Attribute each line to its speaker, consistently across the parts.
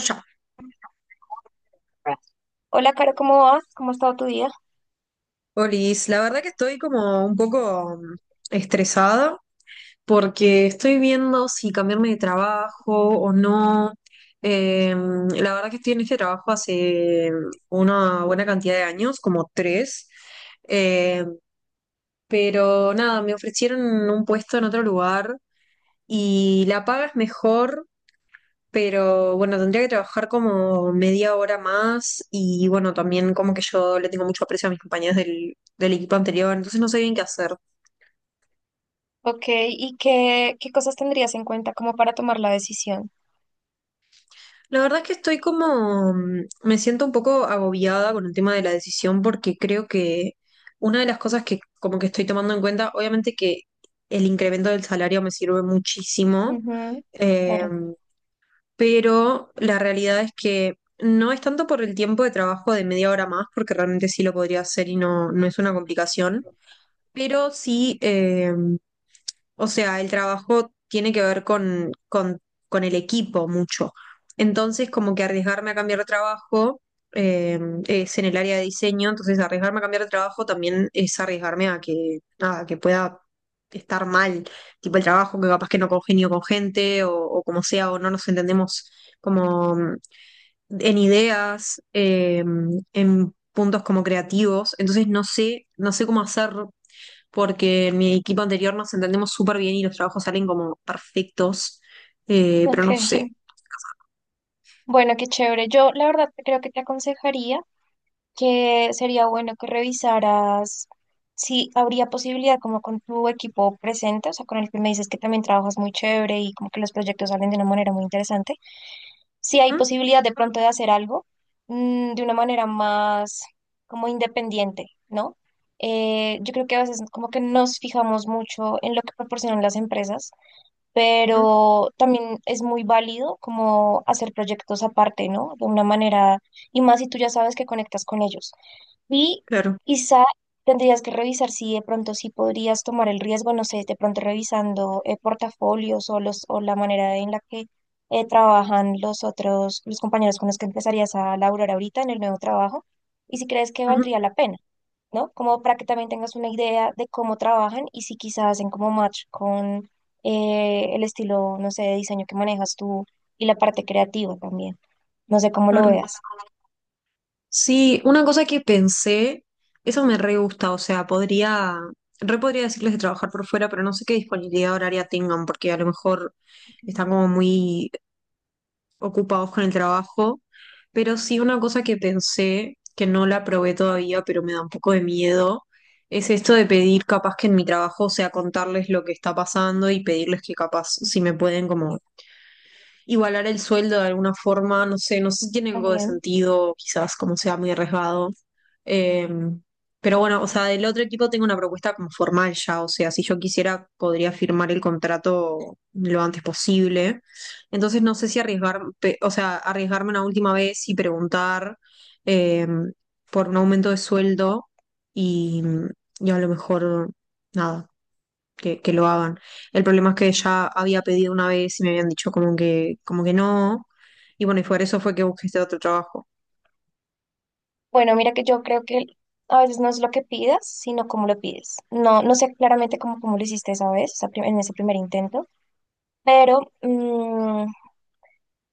Speaker 1: Ya.
Speaker 2: Hola, Caro, ¿cómo vas? ¿Cómo ha estado tu día?
Speaker 1: Olis, la verdad que estoy como un poco estresada porque estoy viendo si cambiarme de trabajo o no. Eh, la verdad que estoy en este trabajo hace una buena cantidad de años, como tres. Eh, pero nada, me ofrecieron un puesto en otro lugar y la paga es mejor, pero bueno, tendría que trabajar como media hora más y bueno, también como que yo le tengo mucho aprecio a mis compañeros del equipo anterior, entonces no sé bien qué hacer.
Speaker 2: Ok, ¿y qué cosas tendrías en cuenta como para tomar la decisión?
Speaker 1: La verdad es que estoy como, me siento un poco agobiada con el tema de la decisión porque creo que una de las cosas que como que estoy tomando en cuenta, obviamente que el incremento del salario me sirve muchísimo.
Speaker 2: Ujú, claro.
Speaker 1: em, pero la realidad es que no es tanto por el tiempo de trabajo de media hora más, porque realmente sí lo podría hacer y no, no es una complicación, pero sí, o sea, el trabajo tiene que ver con el equipo mucho. Entonces, como que arriesgarme a cambiar de trabajo, eh, es en el área de diseño, entonces arriesgarme a cambiar de trabajo también es arriesgarme a que, nada, que pueda estar mal, tipo el trabajo, que capaz que no congenio con gente o como sea, o no nos entendemos como, en ideas, en puntos como creativos. Entonces, no sé, no sé cómo hacer porque en mi equipo anterior nos entendemos súper bien y los trabajos salen como perfectos. Pero
Speaker 2: Ok,
Speaker 1: no sé.
Speaker 2: bueno, qué chévere. Yo la verdad creo que te aconsejaría que sería bueno que revisaras si habría posibilidad como con tu equipo presente, o sea, con el que me dices que también trabajas muy chévere y como que los proyectos salen de una manera muy interesante. Si hay
Speaker 1: Mm,
Speaker 2: posibilidad de pronto de hacer algo de una manera más como independiente, ¿no? Yo creo que a veces como que nos fijamos mucho en lo que proporcionan las empresas,
Speaker 1: ujú,
Speaker 2: pero también es muy válido como hacer proyectos aparte, ¿no? De una manera, y más si tú ya sabes que conectas con ellos. Y
Speaker 1: claro,
Speaker 2: quizá tendrías que revisar si de pronto sí podrías tomar el riesgo, no sé, de pronto revisando portafolios o la manera en la que trabajan los otros, los compañeros con los que empezarías a laburar ahorita en el nuevo trabajo, y si crees que
Speaker 1: ujú,
Speaker 2: valdría la pena, ¿no? Como para que también tengas una idea de cómo trabajan y si quizás hacen como match con el estilo, no sé, de diseño que manejas tú y la parte creativa también. No sé cómo lo
Speaker 1: claro.
Speaker 2: veas.
Speaker 1: Sí, una cosa que pensé, eso me re gusta, o sea, podría, re podría decirles de trabajar por fuera, pero no sé qué disponibilidad horaria tengan, porque a lo mejor
Speaker 2: Ok.
Speaker 1: están como muy ocupados con el trabajo, pero sí una cosa que pensé, que no la probé todavía, pero me da un poco de miedo, es esto de pedir capaz que en mi trabajo, o sea, contarles lo que está pasando y pedirles que capaz si me pueden como igualar el sueldo de alguna forma, no sé, no sé si tiene algo de
Speaker 2: También.
Speaker 1: sentido, quizás como sea muy arriesgado. Eh, pero bueno, o sea, del otro equipo tengo una propuesta como formal ya, o sea, si yo quisiera podría firmar el contrato lo antes posible. Entonces no sé si arriesgar, o sea, arriesgarme una última vez y preguntar, eh, por un aumento de sueldo y, y a lo mejor, nada, que lo hagan. El problema es que ya había pedido una vez y me habían dicho como que no. Y bueno, y por eso fue que busqué este otro trabajo.
Speaker 2: Bueno, mira que yo creo que a veces no es lo que pidas, sino cómo lo pides. No, no sé claramente cómo lo hiciste esa vez, en ese primer intento, pero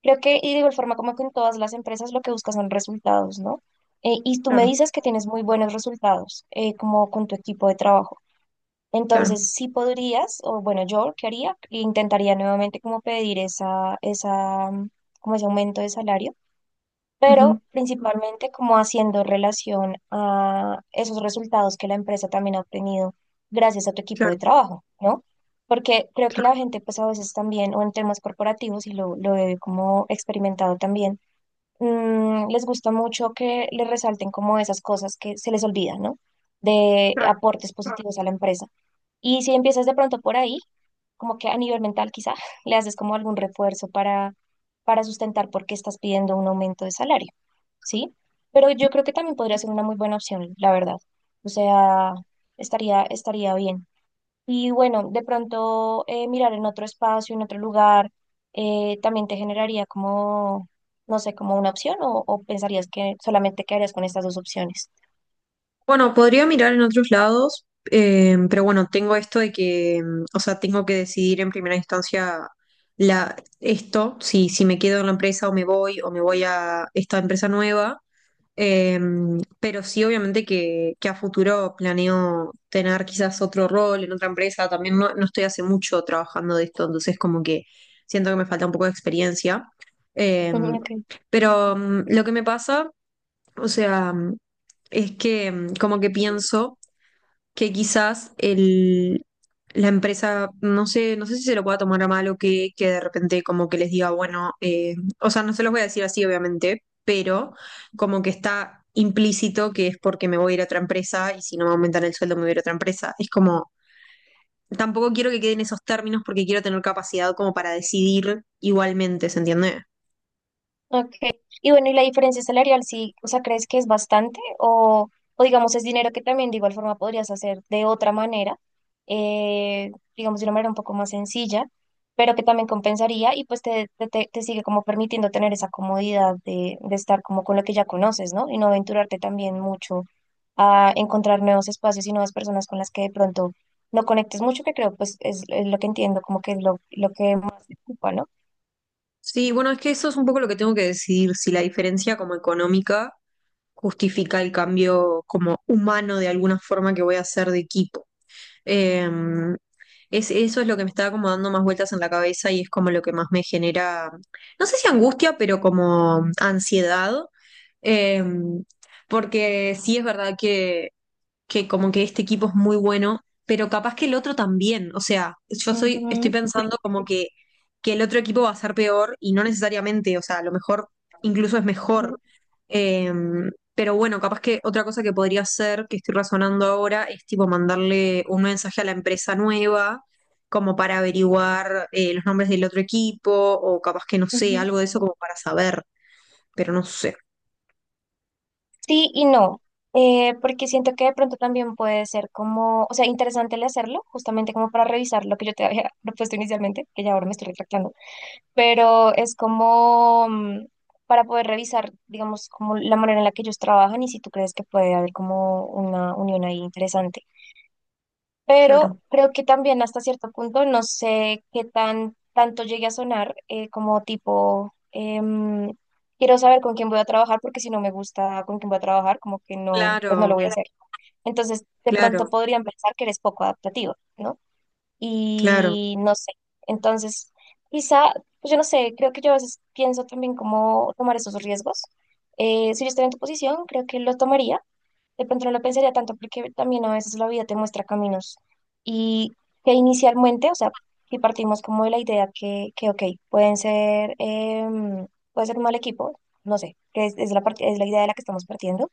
Speaker 2: creo que, y de igual forma como que en todas las empresas lo que buscas son resultados, ¿no? Y tú me
Speaker 1: Claro,
Speaker 2: dices que tienes muy buenos resultados, como con tu equipo de trabajo.
Speaker 1: claro,
Speaker 2: Entonces, sí podrías, o bueno, yo, ¿qué haría? Intentaría nuevamente como pedir como ese aumento de salario,
Speaker 1: ujú,
Speaker 2: pero principalmente como haciendo relación a esos resultados que la empresa también ha obtenido gracias a tu equipo de
Speaker 1: claro,
Speaker 2: trabajo, ¿no? Porque creo que
Speaker 1: claro,
Speaker 2: la gente pues a veces también, o en temas corporativos, y lo he como experimentado también, les gusta mucho que les resalten como esas cosas que se les olvidan, ¿no? De
Speaker 1: claro.
Speaker 2: aportes positivos a la empresa. Y si empiezas de pronto por ahí, como que a nivel mental quizá le haces como algún refuerzo para sustentar por qué estás pidiendo un aumento de salario, ¿sí? Pero yo creo que también podría ser una muy buena opción, la verdad. O sea, estaría bien. Y bueno, de pronto mirar en otro espacio, en otro lugar, también te generaría como, no sé, como una opción o pensarías que solamente quedarías con estas dos opciones.
Speaker 1: Bueno, podría mirar en otros lados, pero bueno, tengo esto de que, o sea, tengo que decidir en primera instancia la, esto, si me quedo en la empresa o me voy a esta empresa nueva. Eh, pero sí, obviamente que a futuro planeo tener quizás otro rol en otra empresa. También no, no estoy hace mucho trabajando de esto, entonces como que siento que me falta un poco de experiencia. Eh,
Speaker 2: Ujú, ok.
Speaker 1: pero lo que me pasa, o sea, es que como que pienso que quizás la empresa, no sé, no sé si se lo pueda tomar a mal o que de repente como que les diga, bueno, o sea, no se los voy a decir así, obviamente, pero como que está implícito que es porque me voy a ir a otra empresa y si no me aumentan el sueldo me voy a ir a otra empresa. Es como, tampoco quiero que queden esos términos porque quiero tener capacidad como para decidir igualmente, ¿se entiende?
Speaker 2: Ok. Y bueno, ¿y la diferencia salarial sí, o sea, crees que es bastante o digamos es dinero que también de igual forma podrías hacer de otra manera, digamos de una manera un poco más sencilla, pero que también compensaría y pues te sigue como permitiendo tener esa comodidad de estar como con lo que ya conoces, ¿no? Y no aventurarte también mucho a encontrar nuevos espacios y nuevas personas con las que de pronto no conectes mucho, que creo pues es lo que entiendo, como que es lo que más te ocupa, ¿no?
Speaker 1: Sí, bueno, es que eso es un poco lo que tengo que decidir, si la diferencia como económica justifica el cambio como humano de alguna forma que voy a hacer de equipo. Eh, es, eso es lo que me está como dando más vueltas en la cabeza y es como lo que más me genera, no sé si angustia, pero como ansiedad. Eh, porque sí es verdad que como que este equipo es muy bueno, pero capaz que el otro también, o sea, yo soy, estoy
Speaker 2: Ujú,
Speaker 1: pensando como que el otro equipo va a ser peor y no necesariamente, o sea, a lo mejor incluso es mejor.
Speaker 2: ujú,
Speaker 1: Pero bueno, capaz que otra cosa que podría hacer, que estoy razonando ahora, es tipo mandarle un mensaje a la empresa nueva, como para averiguar, los nombres del otro equipo, o capaz que no sé,
Speaker 2: ujú.
Speaker 1: algo de eso como para saber, pero no sé.
Speaker 2: Sí y no, porque siento que de pronto también puede ser como, o sea, interesante el hacerlo, justamente como para revisar lo que yo te había propuesto inicialmente, que ya ahora me estoy retractando, pero es como para poder revisar, digamos, como la manera en la que ellos trabajan y si tú crees que puede haber como una unión ahí interesante, pero
Speaker 1: Claro,
Speaker 2: creo que también hasta cierto punto no sé qué tan tanto llegue a sonar quiero saber con quién voy a trabajar porque si no me gusta con quién voy a trabajar, como que no, pues no
Speaker 1: claro,
Speaker 2: lo voy a hacer. Entonces, de pronto
Speaker 1: claro,
Speaker 2: podrían pensar que eres poco adaptativo, ¿no?
Speaker 1: claro,
Speaker 2: Y no sé. Entonces, quizá, pues yo no sé, creo que yo a veces pienso también cómo tomar esos riesgos. Si yo estuviera en tu posición, creo que lo tomaría, de pronto no lo pensaría tanto porque también a veces la vida te muestra caminos y que inicialmente, o sea, si partimos como de la idea que ok, pueden ser, puede ser un mal equipo, no sé, que es la, part- es la idea de la que estamos partiendo,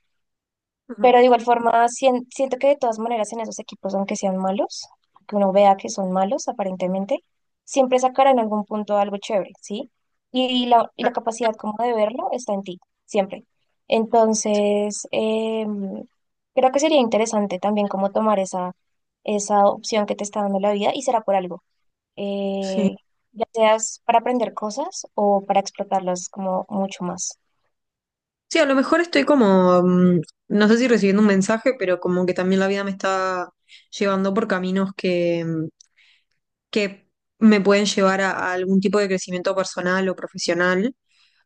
Speaker 1: ujú,
Speaker 2: pero de igual forma, siento que de todas maneras en esos equipos, aunque sean malos, que uno vea que son malos aparentemente, siempre sacará en algún punto algo chévere, ¿sí? Y la
Speaker 1: claro,
Speaker 2: capacidad como de verlo está en ti, siempre. Entonces, creo que sería interesante también como tomar esa opción que te está dando la vida y será por algo.
Speaker 1: sí.
Speaker 2: Eh, ya seas para aprender cosas o para explotarlas como mucho más.
Speaker 1: Sí, a lo mejor estoy como, no sé si recibiendo un mensaje, pero como que también la vida me está llevando por caminos que me pueden llevar a algún tipo de crecimiento personal o profesional.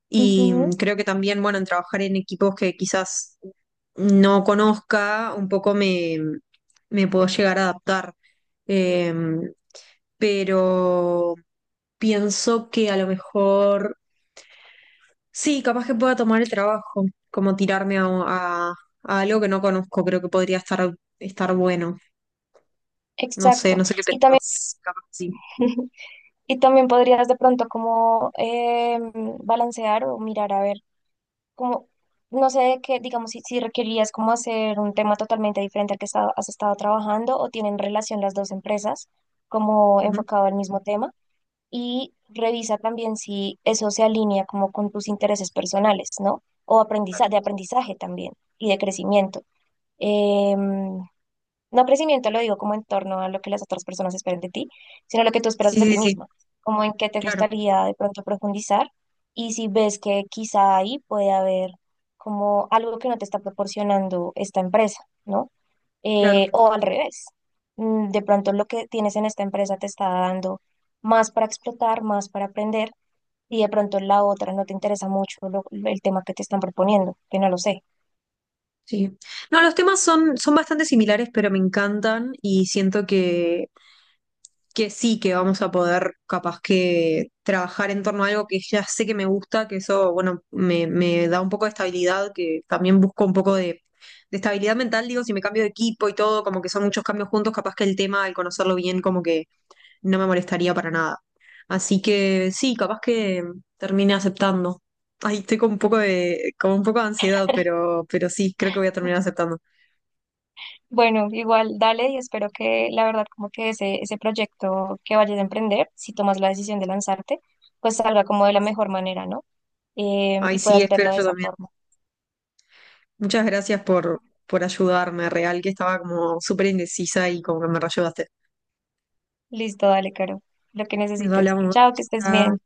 Speaker 1: Y
Speaker 2: Ujú,
Speaker 1: creo que también, bueno, en trabajar en equipos que quizás no conozca, un poco me puedo llegar a adaptar. Eh, pero pienso que a lo mejor, sí, capaz que pueda tomar el trabajo, como tirarme a, a algo que no conozco, creo que podría estar, estar bueno. No sé,
Speaker 2: exacto.
Speaker 1: no sé qué
Speaker 2: Y también...
Speaker 1: pensás, capaz sí.
Speaker 2: Y también podrías de pronto como em, balancear o mirar a ver, como, no sé qué, digamos, si, si requerías como hacer un tema totalmente diferente al que has estado trabajando, o tienen relación las dos empresas como
Speaker 1: Ujú,
Speaker 2: enfocado al mismo tema, y revisa también si eso se alinea como con tus intereses personales, ¿no? O aprendizaje, de aprendizaje también y de crecimiento. Em, no crecimiento lo digo como en torno a lo que las otras personas esperan de ti, sino lo que tú esperas de
Speaker 1: sí, sí,
Speaker 2: ti
Speaker 1: sí,
Speaker 2: misma, como en qué te
Speaker 1: claro,
Speaker 2: gustaría de pronto profundizar, y si ves que quizá ahí puede haber como algo que no te está proporcionando esta empresa, ¿no?
Speaker 1: claro,
Speaker 2: O al revés, de pronto lo que tienes en esta empresa te está dando más para explotar, más para aprender, y de pronto la otra no te interesa mucho el tema que te están proponiendo, que no lo sé.
Speaker 1: sí. No, los temas son bastante similares, pero me encantan y siento que sí, que vamos a poder capaz que trabajar en torno a algo que ya sé que me gusta, que eso, bueno, me da un poco de estabilidad, que también busco un poco de estabilidad mental, digo, si me cambio de equipo y todo, como que son muchos cambios juntos, capaz que el tema, al conocerlo bien, como que no me molestaría para nada. Así que sí, capaz que termine aceptando. Ay, estoy con un poco de, con un poco de ansiedad, pero sí, creo que voy a terminar aceptando.
Speaker 2: Bueno, igual dale y espero que la verdad como que ese proyecto que vayas a emprender, si tomas la decisión de lanzarte, pues salga como de la mejor manera, ¿no?
Speaker 1: Ay,
Speaker 2: Y
Speaker 1: sí,
Speaker 2: puedas
Speaker 1: espero
Speaker 2: verlo de
Speaker 1: yo
Speaker 2: esa
Speaker 1: también.
Speaker 2: forma.
Speaker 1: Muchas gracias por ayudarme, real, que estaba como súper indecisa y como que me reayudaste.
Speaker 2: Listo, dale, Caro. Lo que
Speaker 1: Nos
Speaker 2: necesites.
Speaker 1: hablamos.
Speaker 2: Chao, que estés
Speaker 1: Chao.
Speaker 2: bien.